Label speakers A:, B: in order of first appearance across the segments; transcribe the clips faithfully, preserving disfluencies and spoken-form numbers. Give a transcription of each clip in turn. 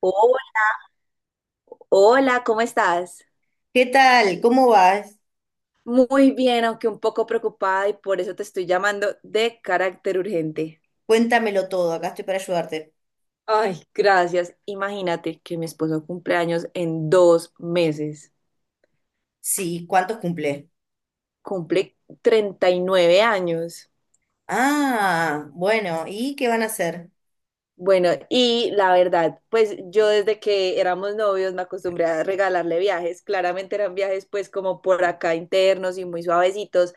A: Hola, hola, ¿cómo estás?
B: ¿Qué tal? ¿Cómo vas?
A: Muy bien, aunque un poco preocupada y por eso te estoy llamando de carácter urgente.
B: Cuéntamelo todo, acá estoy para ayudarte.
A: Ay, gracias. Imagínate que mi esposo cumple años en dos meses.
B: Sí, ¿cuántos cumple?
A: Cumple treinta y nueve años.
B: Ah, bueno, ¿y qué van a hacer?
A: Bueno, y la verdad, pues yo desde que éramos novios me acostumbré a regalarle viajes. Claramente eran viajes pues como por acá internos y muy suavecitos,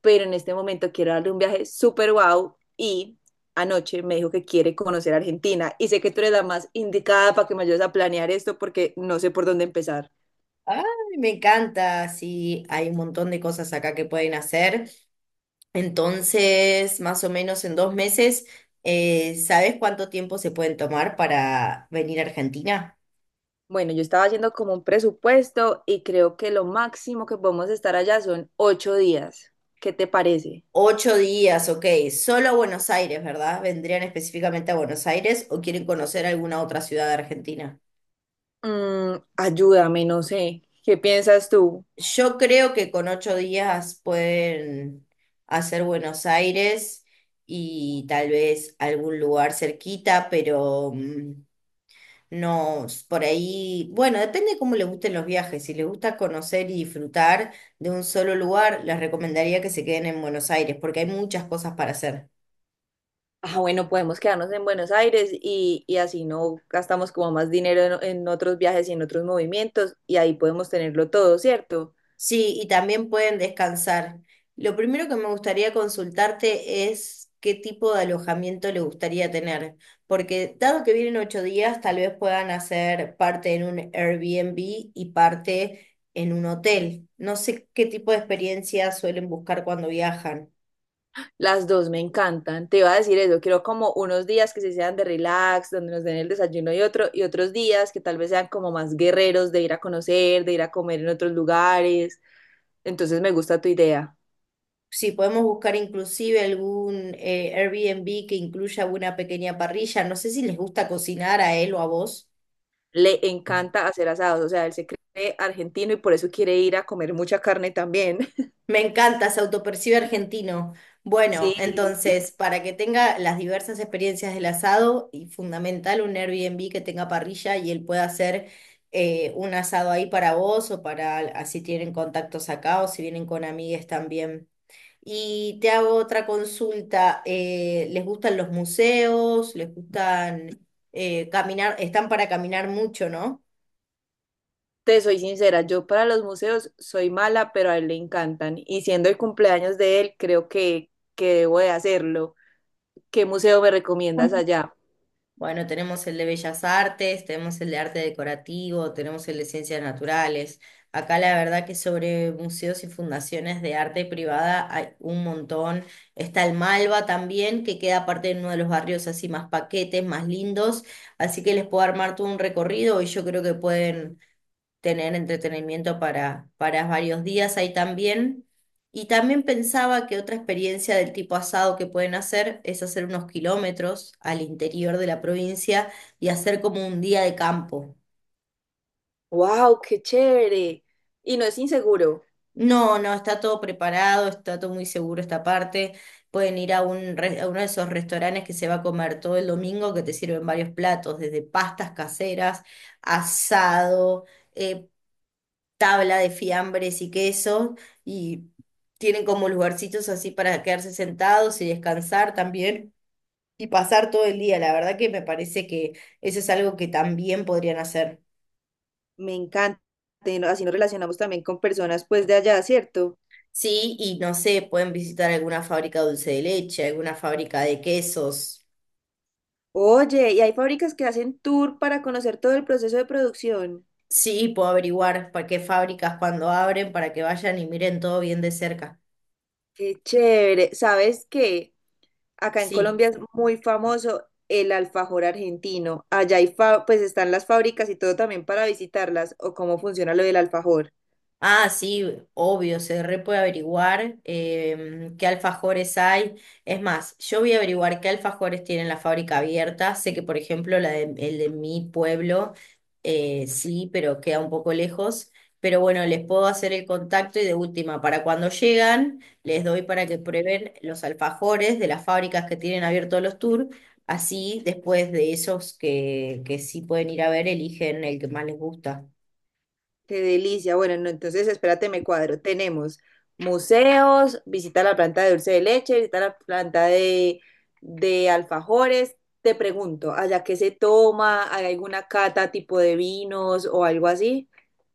A: pero en este momento quiero darle un viaje súper wow y anoche me dijo que quiere conocer Argentina y sé que tú eres la más indicada para que me ayudes a planear esto porque no sé por dónde empezar.
B: Ay, me encanta, sí, hay un montón de cosas acá que pueden hacer. Entonces, más o menos en dos meses, eh, ¿sabes cuánto tiempo se pueden tomar para venir a Argentina?
A: Bueno, yo estaba haciendo como un presupuesto y creo que lo máximo que podemos estar allá son ocho días. ¿Qué te parece?
B: Ocho días, ok. Solo a Buenos Aires, ¿verdad? ¿Vendrían específicamente a Buenos Aires o quieren conocer alguna otra ciudad de Argentina?
A: Mm, ayúdame, no sé. ¿Qué piensas tú?
B: Yo creo que con ocho días pueden hacer Buenos Aires y tal vez algún lugar cerquita, pero mm, no, s- por ahí, bueno, depende cómo les gusten los viajes. Si les gusta conocer y disfrutar de un solo lugar, les recomendaría que se queden en Buenos Aires porque hay muchas cosas para hacer.
A: Ah, bueno, podemos quedarnos en Buenos Aires y, y así no gastamos como más dinero en, en otros viajes y en otros movimientos y ahí podemos tenerlo todo, ¿cierto?
B: Sí, y también pueden descansar. Lo primero que me gustaría consultarte es qué tipo de alojamiento le gustaría tener, porque dado que vienen ocho días, tal vez puedan hacer parte en un Airbnb y parte en un hotel. No sé qué tipo de experiencia suelen buscar cuando viajan.
A: Las dos me encantan. Te iba a decir eso. Quiero como unos días que se sean de relax, donde nos den el desayuno y otro, y otros días que tal vez sean como más guerreros de ir a conocer, de ir a comer en otros lugares. Entonces me gusta tu idea.
B: Si podemos buscar inclusive algún eh, Airbnb que incluya una pequeña parrilla, no sé si les gusta cocinar a él o a vos.
A: Le encanta hacer asados. O sea, él se cree argentino y por eso quiere ir a comer mucha carne también.
B: Me encanta, se autopercibe argentino. Bueno,
A: Sí,
B: entonces, para que tenga las diversas experiencias del asado y fundamental un Airbnb que tenga parrilla y él pueda hacer eh, un asado ahí para vos o para así tienen contactos acá o si vienen con amigues también. Y te hago otra consulta. Eh, ¿les gustan los museos? ¿Les gustan eh, caminar? Están para caminar mucho, ¿no?
A: te soy sincera. Yo para los museos soy mala, pero a él le encantan. Y siendo el cumpleaños de él, creo que, que debo de hacerlo. ¿Qué museo me recomiendas allá?
B: Bueno, tenemos el de Bellas Artes, tenemos el de Arte Decorativo, tenemos el de Ciencias Naturales. Acá la verdad que sobre museos y fundaciones de arte privada hay un montón. Está el Malva también, que queda aparte en uno de los barrios así más paquetes, más lindos. Así que les puedo armar todo un recorrido y yo creo que pueden tener entretenimiento para, para varios días ahí también. Y también pensaba que otra experiencia del tipo asado que pueden hacer es hacer unos kilómetros al interior de la provincia y hacer como un día de campo.
A: Wow, qué chévere. Y no es inseguro.
B: No, no, está todo preparado, está todo muy seguro esta parte. Pueden ir a, un, re- a uno de esos restaurantes que se va a comer todo el domingo, que te sirven varios platos, desde pastas caseras, asado eh, tabla de fiambres y quesos y tienen como lugarcitos así para quedarse sentados y descansar también y pasar todo el día. La verdad que me parece que eso es algo que también podrían hacer.
A: Me encanta. y no- Así nos relacionamos también con personas pues de allá, ¿cierto?
B: Sí, y no sé, pueden visitar alguna fábrica de dulce de leche, alguna fábrica de quesos.
A: Oye, y hay fábricas que hacen tour para conocer todo el proceso de producción.
B: Sí, puedo averiguar para qué fábricas cuando abren para que vayan y miren todo bien de cerca.
A: Qué chévere. ¿Sabes qué? Acá en
B: Sí.
A: Colombia es muy famoso el alfajor argentino. Allá hay fa- pues están las fábricas y todo también para visitarlas o cómo funciona lo del alfajor.
B: Ah, sí, obvio, se re puede averiguar em, qué alfajores hay. Es más, yo voy a averiguar qué alfajores tienen la fábrica abierta. Sé que, por ejemplo, la de, el de mi pueblo, eh, sí, pero queda un poco lejos. Pero bueno, les puedo hacer el contacto y de última, para cuando llegan, les doy para que prueben los alfajores de las fábricas que tienen abiertos los tours. Así, después de esos que, que sí pueden ir a ver, eligen el que más les gusta.
A: Qué delicia. Bueno, no, entonces espérate, me cuadro. Tenemos museos, visita la planta de dulce de leche, visita la planta de, de alfajores. Te pregunto, ¿allá qué se toma? ¿Hay alguna cata tipo de vinos o algo así?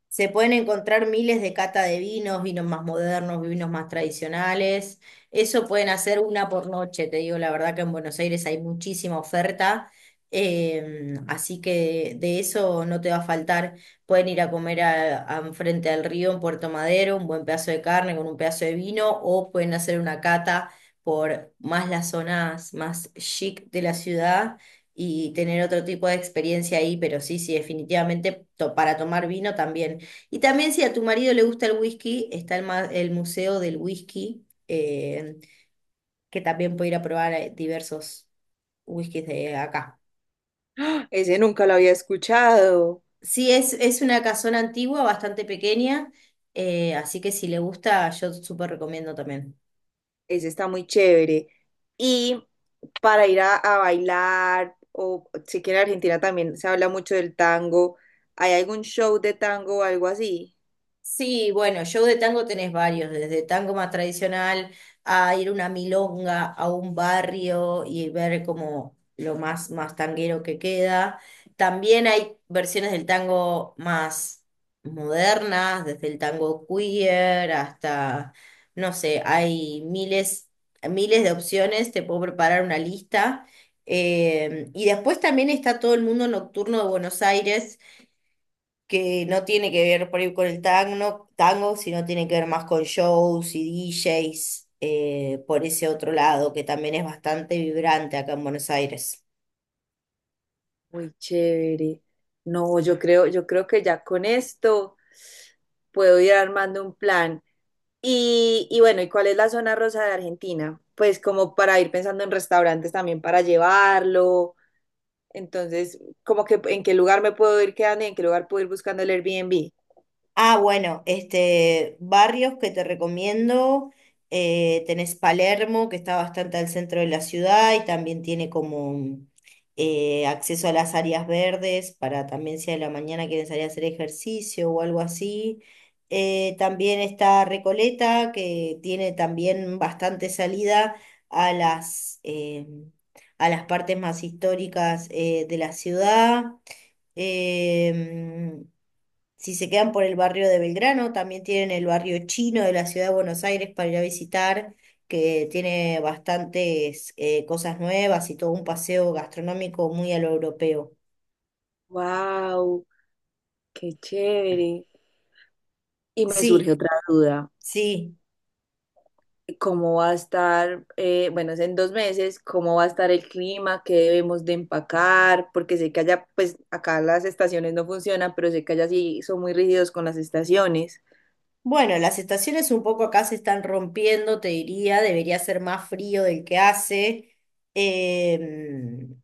B: Se pueden encontrar miles de cata de vinos, vinos más modernos, vinos más tradicionales. Eso pueden hacer una por noche, te digo la verdad que en Buenos Aires hay muchísima oferta, eh, así que de eso no te va a faltar. Pueden ir a comer a, a- frente al río en Puerto Madero, un buen pedazo de carne con un pedazo de vino, o pueden hacer una cata por más las zonas más chic de la ciudad y tener otro tipo de experiencia ahí, pero sí, sí, definitivamente to- para tomar vino también. Y también si a tu marido le gusta el whisky, está el, ma- el Museo del Whisky, eh, que también puede ir a probar eh, diversos whiskies de acá.
A: ¡Ah! Ese nunca lo había escuchado.
B: Sí, es, es una casona antigua, bastante pequeña, eh, así que si le gusta, yo súper recomiendo también.
A: Ese está muy chévere. Y para ir a, a bailar, o si que en Argentina también se habla mucho del tango, ¿hay algún show de tango o algo así?
B: Sí, bueno, show de tango tenés varios, desde tango más tradicional a ir a una milonga a un barrio y ver como lo más, más tanguero que queda. También hay versiones del tango más modernas, desde el tango queer hasta, no sé, hay miles, miles de opciones, te puedo preparar una lista. Eh, y después también está todo el mundo nocturno de Buenos Aires que no tiene que ver por ahí con el tango, tango, sino tiene que ver más con shows y D Js, eh, por ese otro lado, que también es bastante vibrante acá en Buenos Aires.
A: Muy chévere. No, yo creo, yo creo que ya con esto puedo ir armando un plan. Y, y bueno, ¿y cuál es la zona rosa de Argentina? Pues como para ir pensando en restaurantes también para llevarlo. Entonces, como que en qué lugar me puedo ir quedando y en qué lugar puedo ir buscando el Airbnb.
B: Ah, bueno, este, barrios que te recomiendo, eh, tenés Palermo, que está bastante al centro de la ciudad y también tiene como eh, acceso a las áreas verdes para también si a la mañana quieren salir a hacer ejercicio o algo así. Eh, también está Recoleta, que tiene también bastante salida a las, eh, a las partes más históricas eh, de la ciudad. Em, si se quedan por el barrio de Belgrano, también tienen el barrio chino de la ciudad de Buenos Aires para ir a visitar, que tiene bastantes eh, cosas nuevas y todo un paseo gastronómico muy a lo europeo.
A: Wow, qué chévere. Y me
B: Sí,
A: surge otra duda.
B: sí.
A: Cómo va a estar, eh, bueno, es en dos meses, cómo va a estar el clima, qué debemos de empacar, porque sé que allá, pues acá las estaciones no funcionan, pero sé que allá sí son muy rígidos con las estaciones.
B: Bueno, las estaciones un poco acá se están rompiendo, te diría, debería ser más frío del que hace. Em,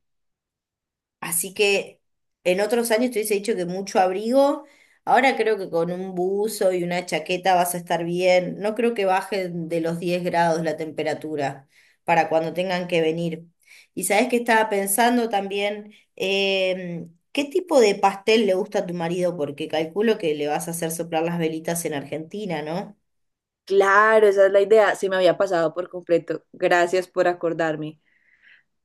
B: Así que en otros años te hubiese dicho que mucho abrigo. Ahora creo que con un buzo y una chaqueta vas a estar bien. No creo que baje de los diez grados la temperatura para cuando tengan que venir. Y sabes que estaba pensando también, Em, ¿qué tipo de pastel le gusta a tu marido? Porque calculo que le vas a hacer soplar las velitas en Argentina, ¿no?
A: Claro, esa es la idea, se me había pasado por completo. Gracias por acordarme.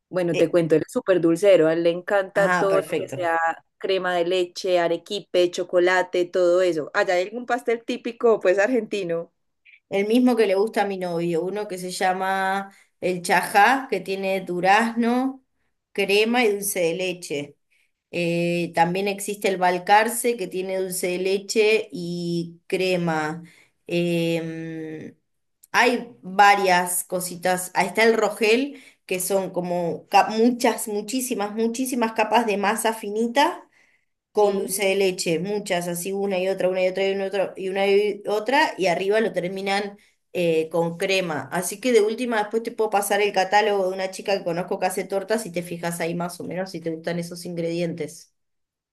A: Bueno, te
B: Eh,
A: cuento, él es súper dulcero, a él le encanta
B: ah,
A: todo lo que
B: perfecto.
A: sea crema de leche, arequipe, chocolate, todo eso. Allá hay algún pastel típico, pues argentino.
B: El mismo que le gusta a mi novio, uno que se llama el chajá, que tiene durazno, crema y dulce de leche. Eh, también existe el balcarce, que tiene dulce de leche y crema. Em, Hay varias cositas. Ahí está el rogel, que son como ca- muchas, muchísimas, muchísimas capas de masa finita con
A: Sí.
B: dulce de leche, muchas, así una y otra, una y otra y una y otra y una y otra, y arriba lo terminan eh, con crema. Así que de última después te puedo pasar el catálogo de una chica que conozco que hace tortas y te fijas ahí más o menos si te gustan esos ingredientes.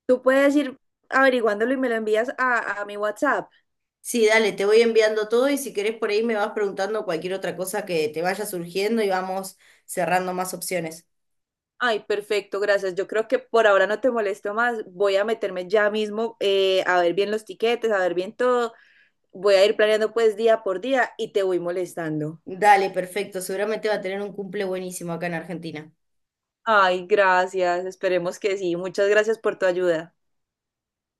A: Tú puedes ir averiguándolo y me lo envías a, a mi WhatsApp.
B: Sí, dale, te voy enviando todo y si querés por ahí me vas preguntando cualquier otra cosa que te vaya surgiendo y vamos cerrando más opciones.
A: Ay, perfecto, gracias. Yo creo que por ahora no te molesto más. Voy a meterme ya mismo eh, a ver bien los tiquetes, a ver bien todo. Voy a ir planeando pues día por día y te voy molestando.
B: Dale, perfecto, seguramente va a tener un cumple buenísimo acá en Argentina.
A: Ay, gracias. Esperemos que sí. Muchas gracias por tu ayuda.